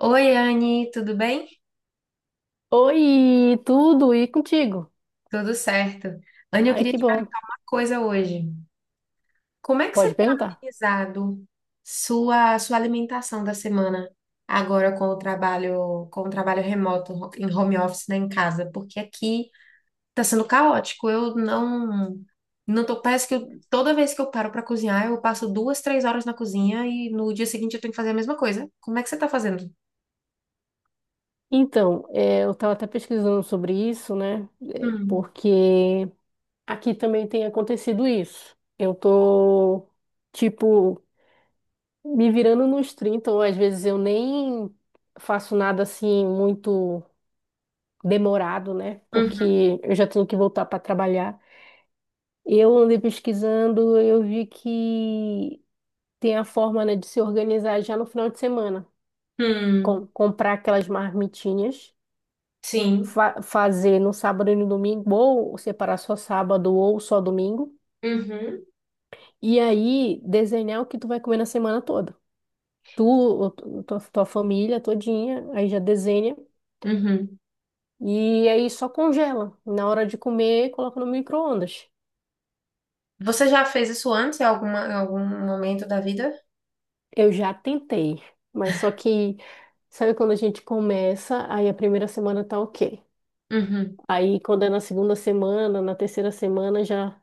Oi, Anne, tudo bem? Oi, tudo e contigo? Tudo certo. Anne, eu Ai, queria que te bom. perguntar uma coisa hoje. Como é que você Pode tem perguntar. organizado sua alimentação da semana agora com o trabalho remoto em home office, né, em casa? Porque aqui tá sendo caótico. Eu não tô, parece que toda vez que eu paro para cozinhar, eu passo duas, três horas na cozinha e no dia seguinte eu tenho que fazer a mesma coisa. Como é que você tá fazendo? Então, é, eu estava até pesquisando sobre isso, né? É, Hum. porque aqui também tem acontecido isso. Eu tô, tipo, me virando nos 30, ou às vezes eu nem faço nada assim muito demorado, né? Uhum. Porque eu já tenho que voltar para trabalhar. Eu andei pesquisando, eu vi que tem a forma, né, de se organizar já no final de semana. Hum. Comprar aquelas marmitinhas, Sim. Fazer no sábado e no domingo, ou separar só sábado ou só domingo, Uhum. e aí desenhar o que tu vai comer na semana toda. Tu, o- tu- tua, tua família todinha, aí já desenha, Uhum. e aí só congela. Na hora de comer, coloca no micro-ondas. Você já fez isso antes, em alguma, em algum momento da vida? Eu já tentei, mas só que, sabe quando a gente começa, aí a primeira semana tá ok. Uhum. Aí quando é na segunda semana, na terceira semana já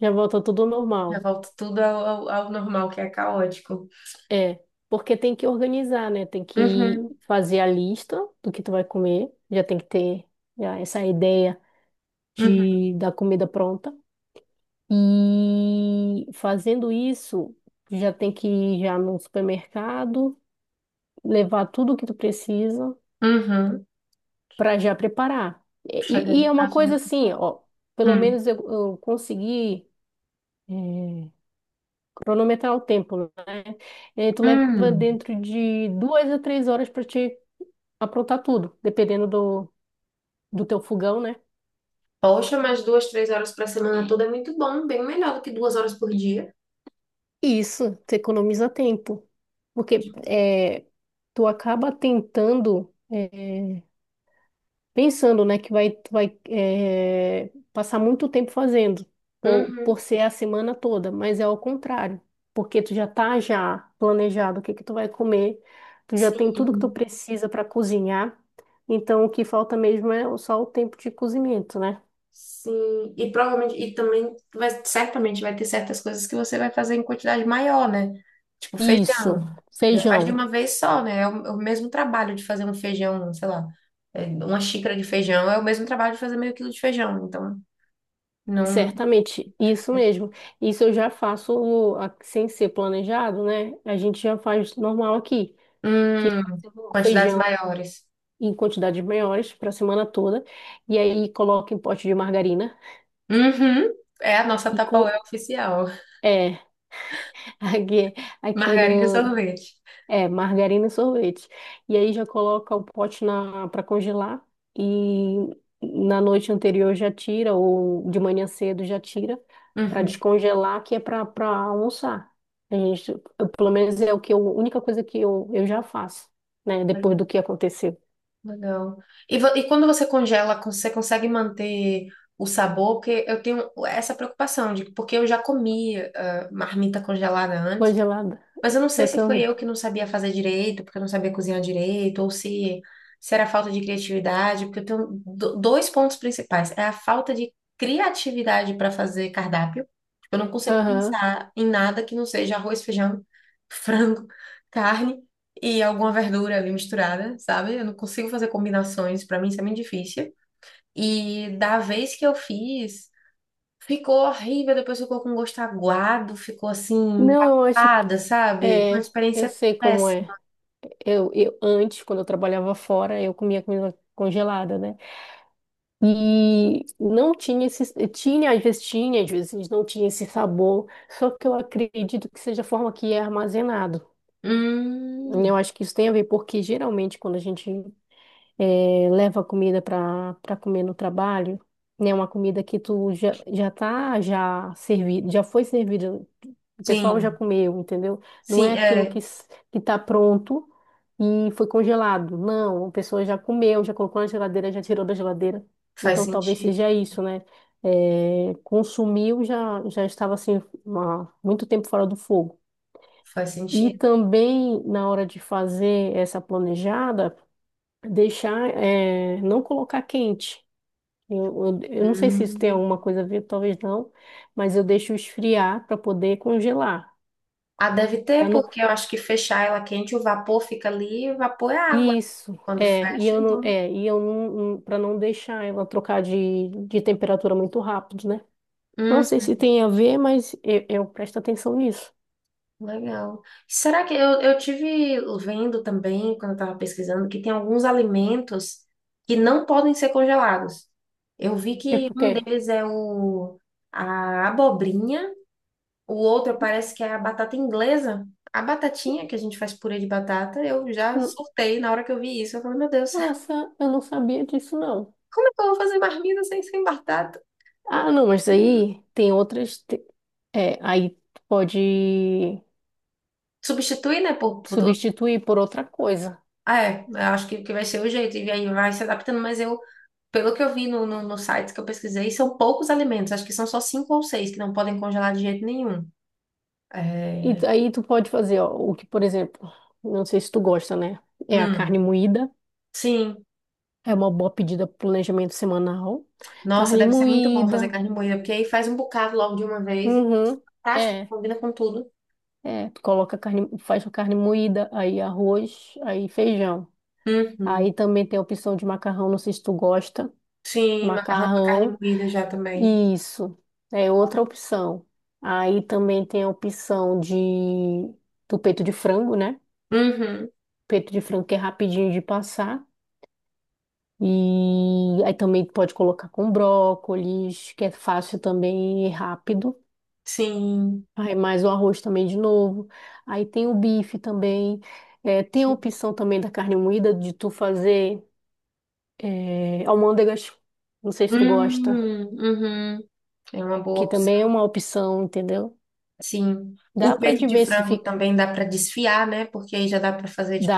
já volta tudo ao Já normal. volta tudo ao normal, que é caótico. É, porque tem que organizar, né? Tem que Uhum. fazer a lista do que tu vai comer. Já tem que ter já essa ideia Uhum. de da comida pronta. E fazendo isso, já tem que ir já no supermercado, levar tudo o que tu precisa Uhum. para já preparar. Chega E é no uma caso de... coisa assim, ó, pelo Hum. menos eu consegui eh, cronometrar o tempo, né? E aí tu leva Hum. dentro de duas a três horas para te aprontar tudo, dependendo do teu fogão, né? Poxa, mas duas, três horas para semana toda é muito bom, bem melhor do que duas horas por dia. E isso, tu economiza tempo, porque tu acaba tentando, pensando, né, tu vai passar muito tempo fazendo, por, Uhum. por ser a semana toda, mas é ao contrário, porque tu já tá já planejado o que que tu vai comer, tu já tem tudo que tu Sim. precisa para cozinhar, então o que falta mesmo é só o tempo de cozimento, né? Sim, e provavelmente, e também vai, certamente vai ter certas coisas que você vai fazer em quantidade maior, né? Tipo Isso, feijão. Já faz de feijão. uma vez só, né? É o mesmo trabalho de fazer um feijão, sei lá, é, uma xícara de feijão, é o mesmo trabalho de fazer meio quilo de feijão. Então, não. Certamente, isso mesmo. Isso eu já faço sem ser planejado, né? A gente já faz normal aqui, que Hum. eu faço Quantidades feijão maiores. em quantidades maiores para a semana toda, e aí coloco em pote de margarina Uhum. É a nossa e Tupperware oficial. é aqui, aqui Margarina e no. sorvete. É, margarina e sorvete. E aí já coloca o pote na para congelar e na noite anterior já tira ou de manhã cedo já tira para Uhum. descongelar, que é para almoçar. Pelo menos é o que eu, a única coisa que eu já faço, né, depois do que aconteceu. Legal. E, e quando você congela, você consegue manter o sabor? Porque eu tenho essa preocupação de porque eu já comi ah, marmita congelada antes. Congelada. Mas eu não sei Eu se foi também. eu que não sabia fazer direito, porque eu não sabia cozinhar direito, ou se era falta de criatividade, porque eu tenho dois pontos principais. É a falta de criatividade para fazer cardápio. Tipo, eu não consigo Aham. pensar em nada que não seja arroz, feijão, frango, carne e alguma verdura ali misturada, sabe? Eu não consigo fazer combinações, para mim isso é muito difícil. E da vez que eu fiz, ficou horrível, depois ficou com gosto aguado, ficou assim, Não, eu acho que empapada, sabe? Foi uma é, eu experiência sei como é. péssima. Eu antes, quando eu trabalhava fora, eu comia comida congelada, né? E não tinha esse, tinha, às vezes não tinha esse sabor, só que eu acredito que seja a forma que é armazenado. Hum. Eu acho que isso tem a ver, porque geralmente quando a gente leva comida para comer no trabalho, né? Uma comida que tu já tá já servido, já foi servida, o pessoal já Sim, comeu, entendeu? Não é sim, aquilo que é, s- que tá pronto e foi congelado. Não, a pessoa já comeu, já colocou na geladeira, já tirou da geladeira. faz Então talvez sentido, seja isso, né? Consumiu, já estava assim, há muito tempo fora do fogo. faz E sentido. também na hora de fazer essa planejada, deixar, não colocar quente. Eu não sei se isso tem Hum. alguma coisa a ver, talvez não, mas eu deixo esfriar para poder congelar. Ah, deve Pra ter, não, porque eu acho que fechar ela quente, o vapor fica ali, o vapor é água isso, quando é, e fecha, eu não, então. é, e eu não, para não deixar ela trocar de temperatura muito rápido, né? Não Uhum. sei se tem a ver, mas eu presto atenção nisso. Legal. Será que eu tive vendo também, quando eu estava pesquisando, que tem alguns alimentos que não podem ser congelados. Eu vi que Tipo o um quê? deles é o, a abobrinha, o outro parece que é a batata inglesa. A batatinha, que a gente faz purê de batata, eu já N- surtei na hora que eu vi isso. Eu falei, meu Deus, Nossa, eu não sabia disso, não. como é que eu vou fazer marmita sem, sem batata? Ah, não, mas aí tem outras. É, aí pode Substituir né, por... substituir por outra coisa. Ah, é, eu acho que vai ser o jeito. E aí vai se adaptando, mas eu, pelo que eu vi no, no, nos sites que eu pesquisei, são poucos alimentos. Acho que são só cinco ou seis que não podem congelar de jeito nenhum. E É... aí tu pode fazer, ó, o que, por exemplo, não sei se tu gosta, né? É a carne Hum. moída, Sim. é uma boa pedida pro planejamento semanal. Nossa, Carne deve ser muito bom fazer moída, carne moída, porque aí faz um bocado logo de uma vez e é uhum, super prático, é, combina com tudo. Tu coloca carne, faz a carne moída, aí arroz, aí feijão. Uhum. Aí também tem a opção de macarrão, não sei se tu gosta, Sim, macarrão com carne macarrão, moída já também. isso, é outra opção. Aí também tem a opção do peito de frango, né? Uhum. Peito de frango que é rapidinho de passar. E aí também pode colocar com brócolis, que é fácil também e rápido. Sim. Aí mais o arroz também de novo. Aí tem o bife também. É, tem a Sim. opção também da carne moída de tu fazer almôndegas. Não sei se tu gosta, Hum. Uhum. É uma boa que também é opção. uma opção, entendeu? Sim. Dá O para peito de frango diversificar também dá para desfiar, né? Porque aí já dá para fazer tipo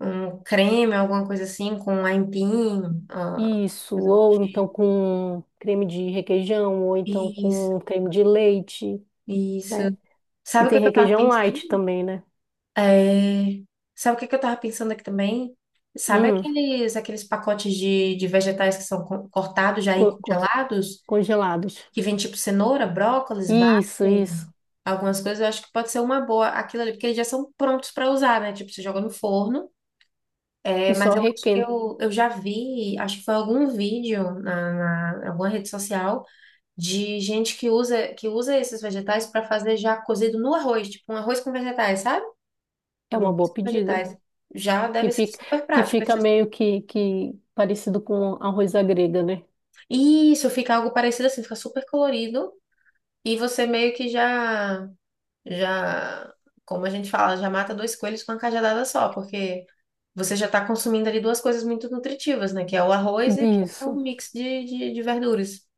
um creme, alguma coisa assim, com aipim, ah, isso, coisa do ou tipo. então com creme de requeijão, ou então Isso, com creme de leite, isso. né? Que Sabe o tem que que eu tava requeijão light pensando? também, né? É, sabe o que que eu tava pensando aqui também? Sabe Hum. aqueles, aqueles pacotes de vegetais que são cortados já e co- co- congelados? congelados. Que vem tipo cenoura, brócolis, Isso, vagem, isso. algumas coisas. Eu acho que pode ser uma boa aquilo ali, porque eles já são prontos para usar, né? Tipo, você joga no forno. É, E só mas eu acho que requenta. eu já vi, acho que foi algum vídeo na, na alguma rede social de gente que usa esses vegetais para fazer já cozido no arroz, tipo um arroz com vegetais, sabe? É Um uma arroz boa com pedida. vegetais. Já Que deve ser fica, super que prático. fica meio que parecido com arroz à grega, né? Isso, fica algo parecido assim, fica super colorido e você meio que já já, como a gente fala, já mata dois coelhos com uma cajadada só, porque você já está consumindo ali duas coisas muito nutritivas, né? Que é o arroz e que é o Isso. mix de verduras.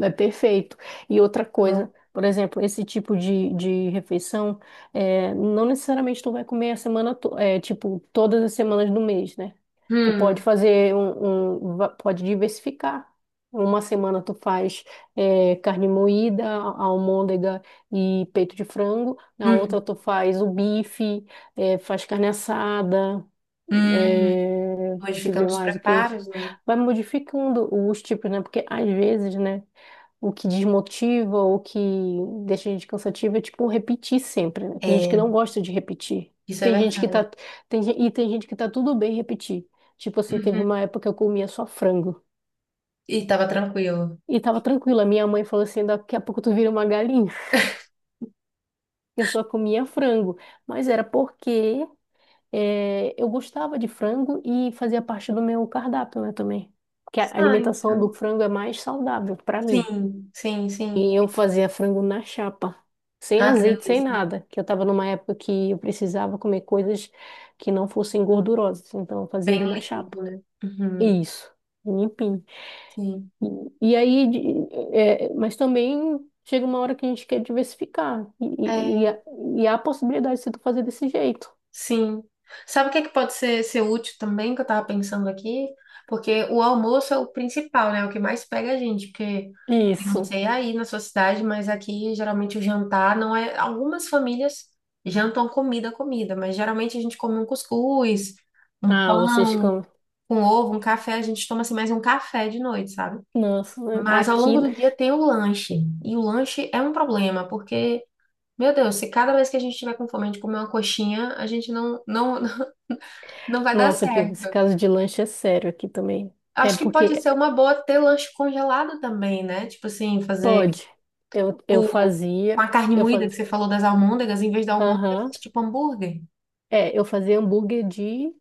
É perfeito. E outra Bom. coisa, por exemplo, esse tipo de refeição, não necessariamente tu vai comer a semana, tipo, todas as semanas do mês, né? Tu pode Hum. fazer, pode diversificar. Uma semana tu faz carne moída, almôndega e peito de frango. Na Hum. outra tu faz o bife, faz carne assada. Hum. Deixa eu Modificando ver os mais o que. preparos, né? Vai modificando os tipos, né? Porque às vezes, né? O que desmotiva, o que deixa a gente cansativo é tipo repetir sempre, né? Tem gente que É, não gosta de repetir. isso é Tem gente que verdade. tá tem, gen- e tem gente que tá tudo bem repetir. Tipo assim, teve Uhum. uma época que eu comia só frango E tava tranquilo. e tava tranquila. Minha mãe falou assim, daqui a pouco tu vira uma galinha. Eu só comia frango, mas era porque eu gostava de frango e fazia parte do meu cardápio, né, também. Porque a Ah, alimentação então. do frango é mais saudável para mim. Sim, sim, sim. E eu fazia frango na chapa, sem Ah, que azeite, sem delícia. nada, que eu estava numa época que eu precisava comer coisas que não fossem gordurosas, então eu fazia Bem ele na chapa. limpo, né? Uhum. E isso, limpinho. Sim. E aí, mas também chega uma hora que a gente quer diversificar, e É, há a possibilidade de tu fazer desse jeito. sim. Sabe o que é que pode ser, ser útil também, que eu tava pensando aqui? Porque o almoço é o principal, né? É o que mais pega a gente, porque eu não Isso. sei aí na sua cidade, mas aqui geralmente o jantar não é. Algumas famílias jantam comida, comida, mas geralmente a gente come um cuscuz, um Ah, vocês pão, comem. com ovo, um café, a gente toma assim mais um café de noite, sabe? Nossa, Mas ao longo aqui, do dia tem o lanche. E o lanche é um problema, porque, meu Deus, se cada vez que a gente tiver com fome de comer uma coxinha, a gente não, não, não vai dar nossa, aqui, certo. esse caso de lanche é sério aqui também. É Acho que pode porque. ser uma boa ter lanche congelado também, né? Tipo assim, fazer Pode. Eu tipo, com fazia, a carne eu moída que fazia, você falou das almôndegas, em vez da almôndega, aham. faz tipo hambúrguer. É, eu fazia hambúrguer de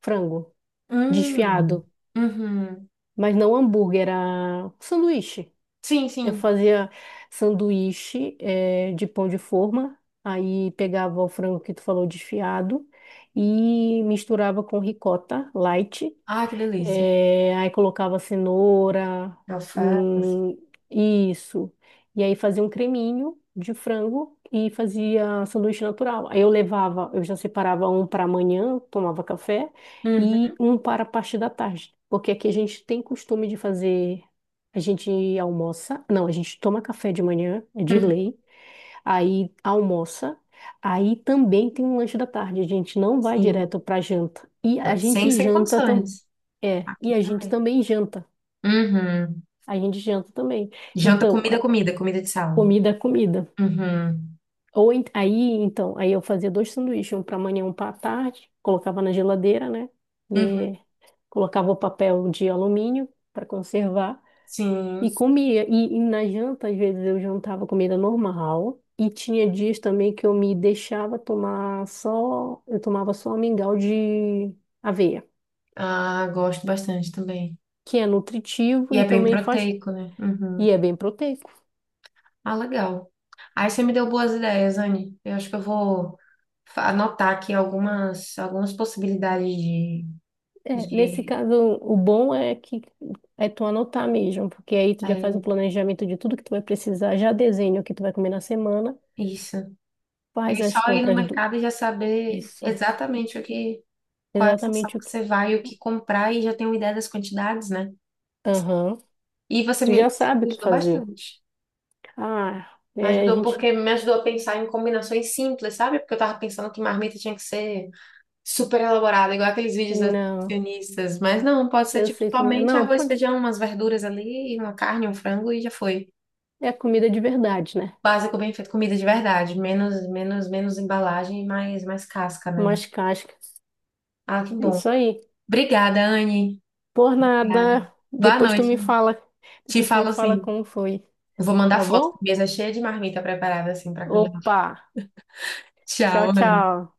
frango, Hum. desfiado, Uhum. mas não hambúrguer, era sanduíche. Sim, Eu sim. fazia sanduíche, de pão de forma, aí pegava o frango que tu falou desfiado e misturava com ricota light. Ah, que delícia. É, aí colocava cenoura, Alface. hum, isso. E aí fazia um creminho de frango e fazia sanduíche natural. Aí eu já separava um para amanhã, tomava café, Uhum. e um para a parte da tarde. Porque aqui a gente tem costume de fazer, a gente almoça, não, a gente toma café de manhã, é de Uhum. lei, aí almoça. Aí também tem um lanche da tarde, a gente não vai Sim. direto para janta. E a Sem, gente sem janta também. condições. É, e Aqui a gente também. também janta. Uhum. A gente janta também. Janta, Então, comida, comida, comida de sal. comida é comida. Uhum. Ou ent- aí, então, aí eu fazia dois sanduíches, um para manhã, um para tarde, colocava na geladeira, né? Uhum. E colocava o papel de alumínio para conservar e Sim. comia. E na janta, às vezes eu jantava comida normal. E tinha dias também que eu me deixava tomar só, eu tomava só mingau de aveia, Ah, gosto bastante também. que é nutritivo E e é bem também faz, proteico, né? Uhum. e é bem proteico. Ah, legal. Aí você me deu boas ideias, Anne. Eu acho que eu vou anotar aqui algumas, algumas possibilidades de, É, nesse de caso, o bom é que é tu anotar mesmo, porque aí tu já faz o é, planejamento de tudo que tu vai precisar, já desenha o que tu vai comer na semana, isso. E faz aí só as ir no compras do... mercado e já saber Isso, exatamente o que, qual é a estação exatamente o que que... você vai, o que comprar e já ter uma ideia das quantidades, né? Aham. E você Tu me, já sabe me o que ajudou fazer. bastante. Ah, Me é, a ajudou gente... porque me ajudou a pensar em combinações simples, sabe? Porque eu tava pensando que marmita tinha que ser super elaborada, igual aqueles vídeos das Não, nutricionistas. Mas não, pode ser eu tipo sei como é. somente Não, arroz, pode... feijão, umas verduras ali, uma carne, um frango e já foi. É comida de verdade, né? Básico, bem feito, comida de verdade. Menos, menos, menos embalagem e mais, mais casca, né? Umas cascas. Ah, que É bom. isso aí. Obrigada, Anne. Por Obrigada. nada. Boa Depois tu me noite. fala. Te Depois tu falo me fala assim. como foi, Vou mandar tá foto. bom? Mesa é cheia de marmita preparada assim para congelar. Opa! Tchau, Tchau, Anne. tchau.